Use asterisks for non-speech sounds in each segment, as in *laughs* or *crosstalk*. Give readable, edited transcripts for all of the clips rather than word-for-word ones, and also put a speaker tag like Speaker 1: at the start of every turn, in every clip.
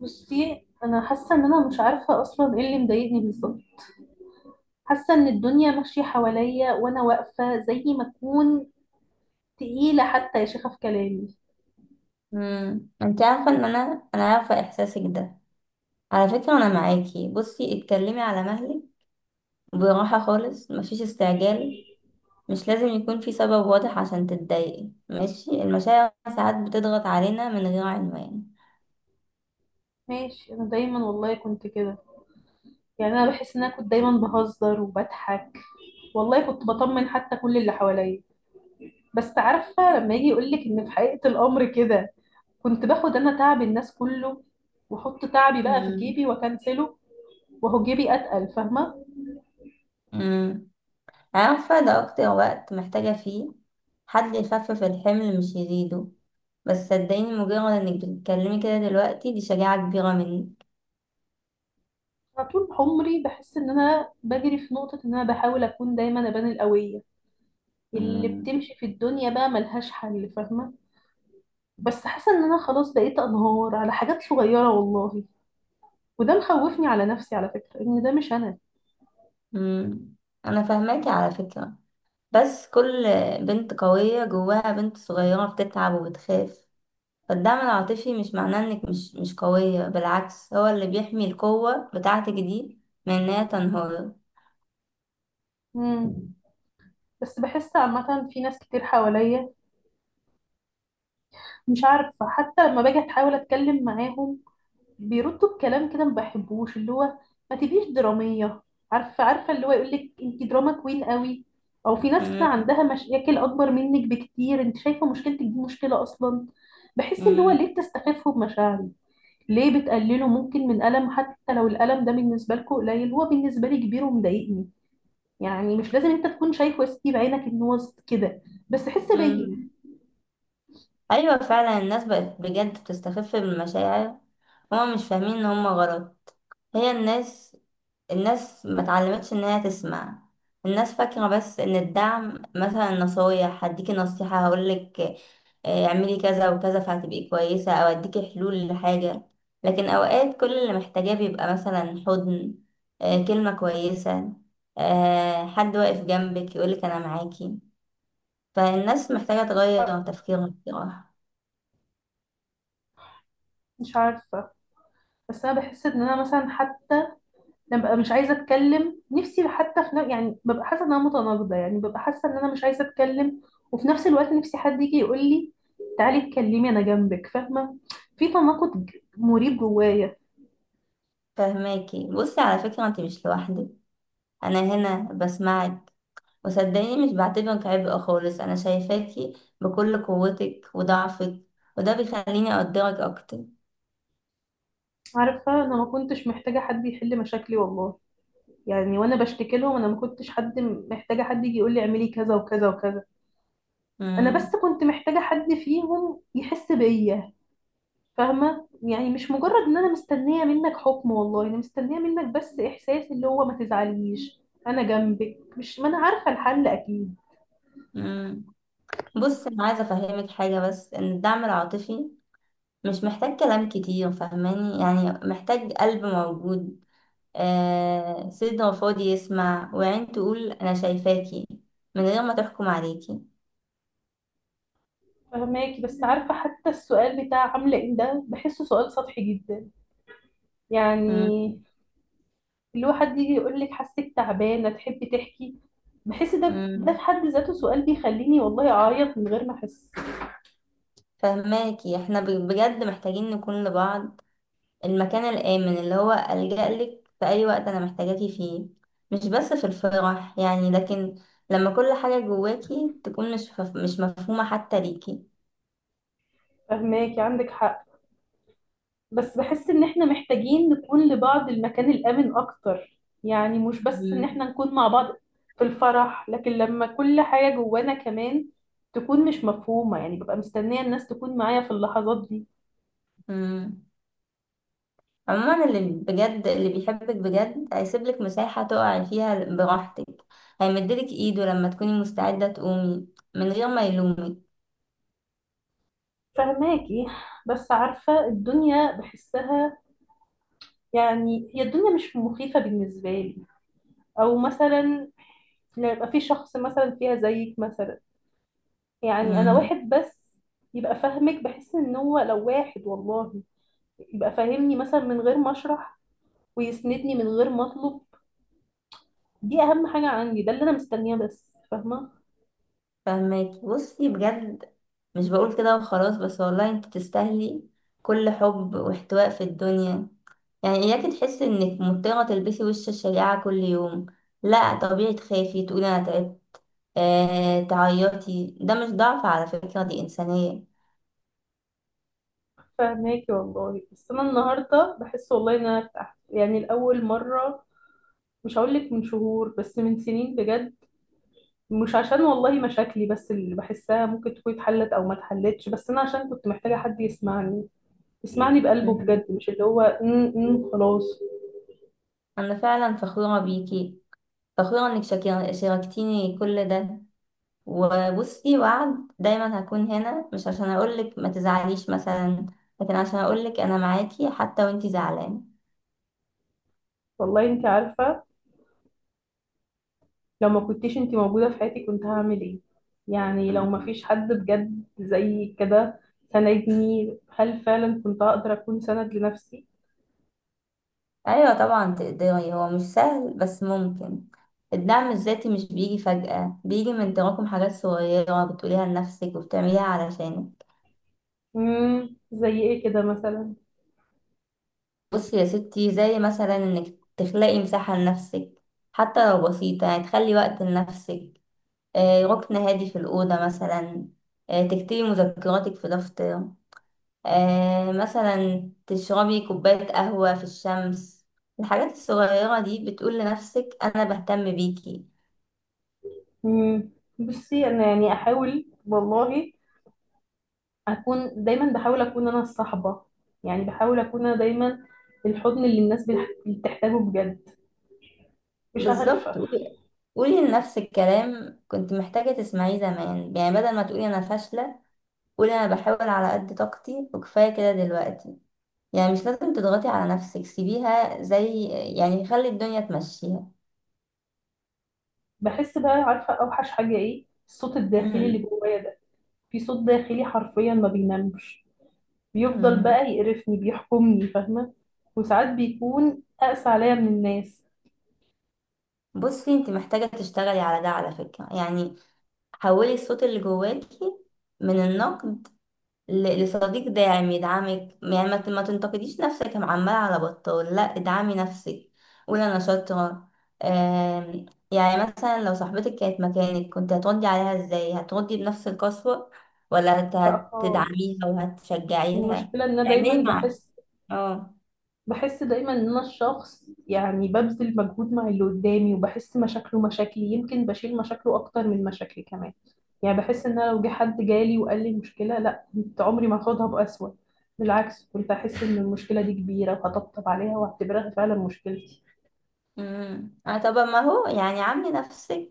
Speaker 1: بصي، انا حاسه ان انا مش عارفه اصلا ايه اللي مضايقني بالظبط. حاسه ان الدنيا ماشيه حواليا وانا واقفه زي ما اكون تقيله. حتى يا شيخه في كلامي.
Speaker 2: انت عارفه ان انا عارفه احساسك ده. على فكره انا معاكي، بصي اتكلمي على مهلك، براحه خالص، مفيش استعجال. مش لازم يكون في سبب واضح عشان تتضايقي، ماشي، المشاعر ساعات بتضغط علينا من غير عنوان.
Speaker 1: ماشي، انا دايما والله كنت كده. يعني انا بحس ان انا كنت دايما بهزر وبضحك، والله كنت بطمن حتى كل اللي حواليا. بس عارفه، لما يجي يقولك ان في حقيقه الامر كده، كنت باخد انا تعب الناس كله، واحط تعبي بقى في
Speaker 2: امم
Speaker 1: جيبي واكنسله، وهو جيبي اتقل، فاهمه؟
Speaker 2: امم عارفه ده اكتر وقت محتاجه فيه حد يخفف الحمل مش يزيده. بس صدقيني، مجرد انك بتتكلمي كده دلوقتي دي شجاعه كبيره منك.
Speaker 1: أنا طول عمري بحس إن أنا بجري في نقطة، إن أنا بحاول أكون دايما أبان القوية اللي
Speaker 2: امم
Speaker 1: بتمشي في الدنيا بقى ملهاش حل، فاهمة؟ بس حاسة إن أنا خلاص بقيت أنهار على حاجات صغيرة والله، وده مخوفني على نفسي على فكرة، إن ده مش أنا.
Speaker 2: امم انا فاهماكي على فكره، بس كل بنت قوية جواها بنت صغيرة بتتعب وبتخاف. فالدعم العاطفي مش معناه انك مش قوية، بالعكس هو اللي بيحمي القوة بتاعتك دي من انها تنهار.
Speaker 1: مم. بس بحس عامة في ناس كتير حواليا، مش عارفة، حتى لما باجي أحاول أتكلم معاهم بيردوا بكلام كده ما بحبوش، اللي هو ما تبقيش درامية. عارفة اللي هو يقول لك انت دراما كوين قوي، او في ناس كده
Speaker 2: مم،
Speaker 1: عندها مشاكل اكبر منك بكتير، انت شايفة مشكلتك دي مشكلة اصلا؟ بحس اللي هو
Speaker 2: مم،
Speaker 1: ليه بتستخفوا بمشاعري؟ ليه بتقللوا ممكن من ألم؟ حتى لو الألم ده بالنسبة لكم قليل، هو بالنسبة لي كبير ومضايقني. يعني مش لازم انت تكون شايفه يا ستي بعينك ان هو كده، بس حس بيا.
Speaker 2: مم. ايوه فعلا الناس بقت بجد بتستخف بالمشاعر، هما مش فاهمين ان هما غلط. هي الناس ما اتعلمتش ان هي تسمع. الناس فاكرة بس ان الدعم مثلا نصايح. هديكي نصيحة، هقولك آه، اعملي كذا وكذا فهتبقي كويسة، او اديكي حلول لحاجة. لكن اوقات كل اللي محتاجاه بيبقى مثلا حضن، آه، كلمة كويسة، آه، حد واقف جنبك يقولك انا معاكي. فالناس محتاجة تغير تفكيرها بصراحة.
Speaker 1: مش عارفة، بس أنا بحس إن أنا مثلا حتى انا ببقى مش عايزه اتكلم نفسي حتى في يعني ببقى حاسه ان انا متناقضه، يعني ببقى حاسه ان انا مش عايزه اتكلم، وفي نفس الوقت نفسي حد يجي يقول لي: تعالي اتكلمي، انا جنبك، فاهمه؟ في تناقض مريب جوايا.
Speaker 2: فهماكي، بصي على فكرة، انت مش لوحدك، انا هنا بسمعك. وصدقيني مش بعتبرك عبء خالص، أنا شايفاكي بكل قوتك وضعفك، وده بيخليني أقدرك أكتر.
Speaker 1: عارفه، انا ما كنتش محتاجه حد يحل مشاكلي والله، يعني وانا بشتكي لهم انا ما كنتش محتاجه حد يجي يقول لي اعملي كذا وكذا وكذا. انا
Speaker 2: مم.
Speaker 1: بس كنت محتاجه حد فيهم يحس بيا، فاهمة؟ يعني مش مجرد ان انا مستنية منك حكم، والله انا مستنية منك بس احساس، اللي هو ما تزعليش، انا جنبك، مش ما انا عارفة الحل اكيد.
Speaker 2: مم. بص، أنا عايزة أفهمك حاجة، بس إن الدعم العاطفي مش محتاج كلام كتير، فاهماني؟ يعني محتاج قلب موجود، آه، صدر فاضي يسمع، وعين تقول أنا شايفاكي من غير ما تحكم عليكي.
Speaker 1: فهماكي، بس عارفة حتى السؤال بتاع عاملة ايه ده بحسه سؤال سطحي جدا.
Speaker 2: مم.
Speaker 1: يعني اللي هو حد يجي يقول لك حاسك تعبانة، تحبي تحكي؟ بحس ده في
Speaker 2: مم.
Speaker 1: حد ذاته سؤال بيخليني والله اعيط من غير ما احس.
Speaker 2: فهماكي، احنا بجد محتاجين نكون لبعض المكان الآمن، اللي هو ألجأ لك في أي وقت أنا محتاجاكي فيه، مش بس في الفرح يعني، لكن لما كل حاجة جواكي تكون مش مفهومة حتى ليكي.
Speaker 1: فهماكي، عندك حق، بس بحس ان احنا محتاجين نكون لبعض المكان الامن اكتر. يعني مش بس ان
Speaker 2: مم.
Speaker 1: احنا نكون مع بعض في الفرح، لكن لما كل حاجة جوانا كمان تكون مش مفهومة، يعني ببقى مستنية الناس تكون معايا في اللحظات دي.
Speaker 2: مم. عموما اللي بيحبك بجد هيسيبلك مساحة تقعي فيها براحتك، هيمدلك إيده لما تكوني مستعدة تقومي من غير ما يلومك.
Speaker 1: فهماكي، بس عارفة الدنيا بحسها، يعني هي الدنيا مش مخيفة بالنسبة لي، او مثلا لو يبقى في شخص مثلا فيها زيك مثلا. يعني انا
Speaker 2: مم.
Speaker 1: واحد بس يبقى فاهمك، بحس ان هو لو واحد والله يبقى فاهمني مثلا من غير ما اشرح، ويسندني من غير ما اطلب. دي اهم حاجه عندي، ده اللي انا مستنياه بس، فاهمه؟
Speaker 2: فهماكي بصي، بجد مش بقول كده وخلاص بس، والله انت تستاهلي كل حب واحتواء في الدنيا. يعني اياكي تحسي انك مضطرة تلبسي وش الشريعة كل يوم، لا، طبيعي تخافي، تقولي انا تعبت، آه، تعيطي، ده مش ضعف على فكرة، دي انسانية.
Speaker 1: فاهماكي والله، بس انا النهارده بحس والله ان انا ارتحت يعني لاول مره. مش هقول لك من شهور، بس من سنين بجد. مش عشان والله مشاكلي بس اللي بحسها ممكن تكون اتحلت او ما اتحلتش، بس انا عشان كنت محتاجه حد يسمعني، يسمعني بقلبه
Speaker 2: مم.
Speaker 1: بجد، مش اللي هو خلاص.
Speaker 2: انا فعلا فخورة بيكي، فخورة انك شاركتيني كل ده. وبصي، وعد دايما هكون هنا، مش عشان اقولك ما تزعليش مثلا، لكن عشان اقولك انا معاكي حتى وانتي زعلانه.
Speaker 1: والله انت عارفه لو ما كنتيش انتي موجودة في حياتي كنت هعمل ايه؟ يعني لو ما
Speaker 2: مم.
Speaker 1: فيش حد بجد زي كده سندني، هل فعلا كنت هقدر اكون سند لنفسي؟
Speaker 2: ايوه طبعا تقدري، هو مش سهل بس ممكن. الدعم الذاتي مش بيجي فجأة، بيجي من تراكم حاجات صغيرة بتقوليها لنفسك وبتعمليها علشانك.
Speaker 1: مم. زي ايه كده مثلا؟
Speaker 2: بصي يا ستي، زي مثلا انك تخلقي مساحة لنفسك، حتى لو بسيطة، يعني تخلي وقت لنفسك، آه، ركن هادي في الأوضة مثلا، آه، تكتبي مذكراتك في دفتر، آه مثلا تشربي كوباية قهوة في الشمس. الحاجات الصغيرة دي بتقول لنفسك أنا بهتم بيكي.
Speaker 1: مم. بصي، انا يعني احاول والله اكون دايما، بحاول اكون انا الصحبة، يعني بحاول اكون انا دايما الحضن اللي الناس بتحتاجه بجد. مش عارفة.
Speaker 2: بالظبط، قولي، قولي لنفسك كلام كنت محتاجة تسمعيه زمان، يعني بدل ما تقولي أنا فاشلة، قولي أنا بحاول على قد طاقتي وكفاية كده دلوقتي. يعني مش لازم تضغطي على نفسك، سيبيها زي، يعني خلي الدنيا تمشيها.
Speaker 1: بحس بقى، عارفة اوحش حاجة ايه؟ الصوت الداخلي اللي
Speaker 2: مم.
Speaker 1: جوايا ده. في صوت داخلي حرفيا ما بينامش، بيفضل
Speaker 2: مم.
Speaker 1: بقى يقرفني بيحكمني، فاهمة؟ وساعات بيكون أقسى عليا من الناس.
Speaker 2: بصي انت محتاجة تشتغلي على ده على فكرة، يعني حولي الصوت اللي جواكي من النقد لصديق داعم يدعمك، يعني ما تنتقديش نفسك عمال على بطال، لا، ادعمي نفسك، قولي انا شاطره. يعني مثلا لو صاحبتك كانت مكانك كنت هتردي عليها ازاي؟ هتردي بنفس القسوه ولا
Speaker 1: لا
Speaker 2: هتدعميها
Speaker 1: خالص.
Speaker 2: وهتشجعيها؟
Speaker 1: المشكلة إن أنا دايما
Speaker 2: اعملي مع
Speaker 1: بحس،
Speaker 2: اه
Speaker 1: بحس دايما إن أنا الشخص يعني ببذل مجهود مع اللي قدامي وبحس مشاكله مشاكلي، يمكن بشيل مشاكله أكتر من مشاكلي كمان. يعني بحس إن أنا لو جه حد جالي وقال لي مشكلة، لا كنت عمري ما هاخدها بأسوأ، بالعكس كنت أحس إن المشكلة دي كبيرة وهطبطب عليها وأعتبرها فعلا مشكلتي.
Speaker 2: اه طب ما هو، يعني عاملي نفسك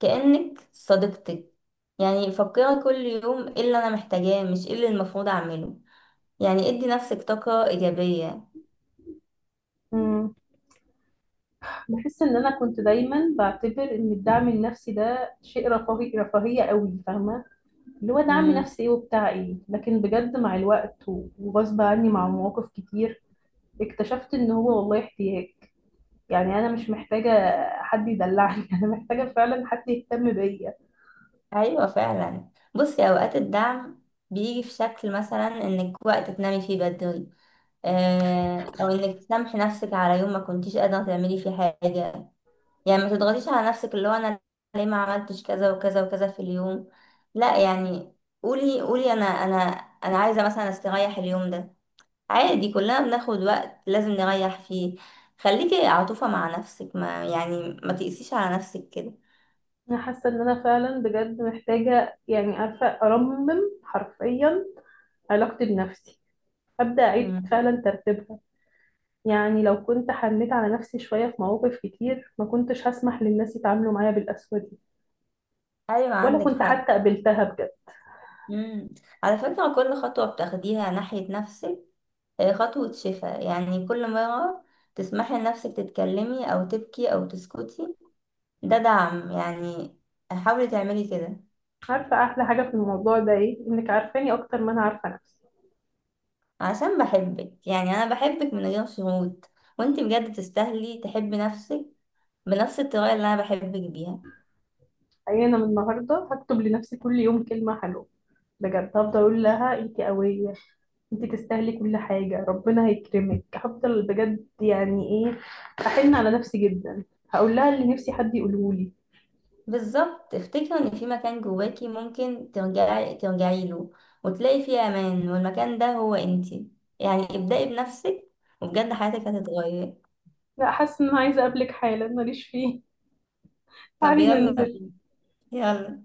Speaker 2: كأنك صديقتك. يعني فكري كل يوم ايه اللي انا محتاجاه، مش ايه اللي المفروض اعمله، يعني ادي نفسك طاقة إيجابية.
Speaker 1: بحس ان انا كنت دايما بعتبر ان الدعم النفسي ده شيء رفاهيه قوي، فاهمه؟ اللي هو دعم
Speaker 2: امم
Speaker 1: نفسي ايه وبتاع ايه، لكن بجد مع الوقت و- وغصب عني مع مواقف كتير اكتشفت ان هو والله احتياج. يعني انا مش محتاجه حد يدلعني *laughs* انا محتاجه فعلا حد يهتم بيا.
Speaker 2: ايوه فعلا، بصي اوقات الدعم بيجي في شكل مثلا انك وقت تنامي فيه بدري، آه، او انك تسامحي نفسك على يوم ما كنتيش قادره تعملي فيه حاجه، يعني ما تضغطيش على نفسك اللي هو انا ليه ما عملتش كذا وكذا وكذا في اليوم. لا يعني، قولي، قولي انا، انا عايزه مثلا استريح اليوم ده. عادي كلنا بناخد وقت لازم نريح فيه. خليكي عطوفه مع نفسك، ما يعني ما تقسيش على نفسك كده.
Speaker 1: انا حاسه ان انا فعلا بجد محتاجه، يعني عارفه، ارمم حرفيا علاقتي بنفسي، ابدا اعيد
Speaker 2: مم.
Speaker 1: فعلا ترتيبها. يعني لو كنت حنيت على نفسي شوية في مواقف كتير ما كنتش هسمح للناس يتعاملوا معايا بالقسوة دي،
Speaker 2: ايوه
Speaker 1: ولا
Speaker 2: عندك
Speaker 1: كنت
Speaker 2: حق.
Speaker 1: حتى قبلتها بجد.
Speaker 2: مم. على فكرة كل خطوة بتاخديها ناحية نفسك هي خطوة شفاء، يعني كل مرة تسمحي لنفسك تتكلمي أو تبكي أو تسكتي ده دعم، يعني حاولي تعملي كده.
Speaker 1: عارفة أحلى حاجة في الموضوع ده إيه؟ إنك عارفاني أكتر ما أنا عارفة نفسي.
Speaker 2: عشان بحبك، يعني أنا بحبك من غير شروط، وانتي بجد تستاهلي تحبي نفسك بنفس الطريقة اللي أنا بحبك بيها.
Speaker 1: يعني أنا من النهاردة هكتب لنفسي كل يوم كلمة حلوة، بجد هفضل أقول لها أنت قوية، أنت تستاهلي كل حاجة، ربنا هيكرمك، هفضل بجد يعني إيه، أحن على نفسي جدا، هقول لها اللي نفسي حد يقوله لي.
Speaker 2: بالظبط، افتكري ان في مكان جواكي ممكن ترجعي له وتلاقي فيه امان، والمكان ده هو انتي، يعني ابدأي بنفسك، وبجد حياتك هتتغير.
Speaker 1: لا، حاسة إن أنا عايزة أقابلك حالا، ماليش فيه.
Speaker 2: طب
Speaker 1: تعالي
Speaker 2: يلا
Speaker 1: ننزل.
Speaker 2: بينا، يلا.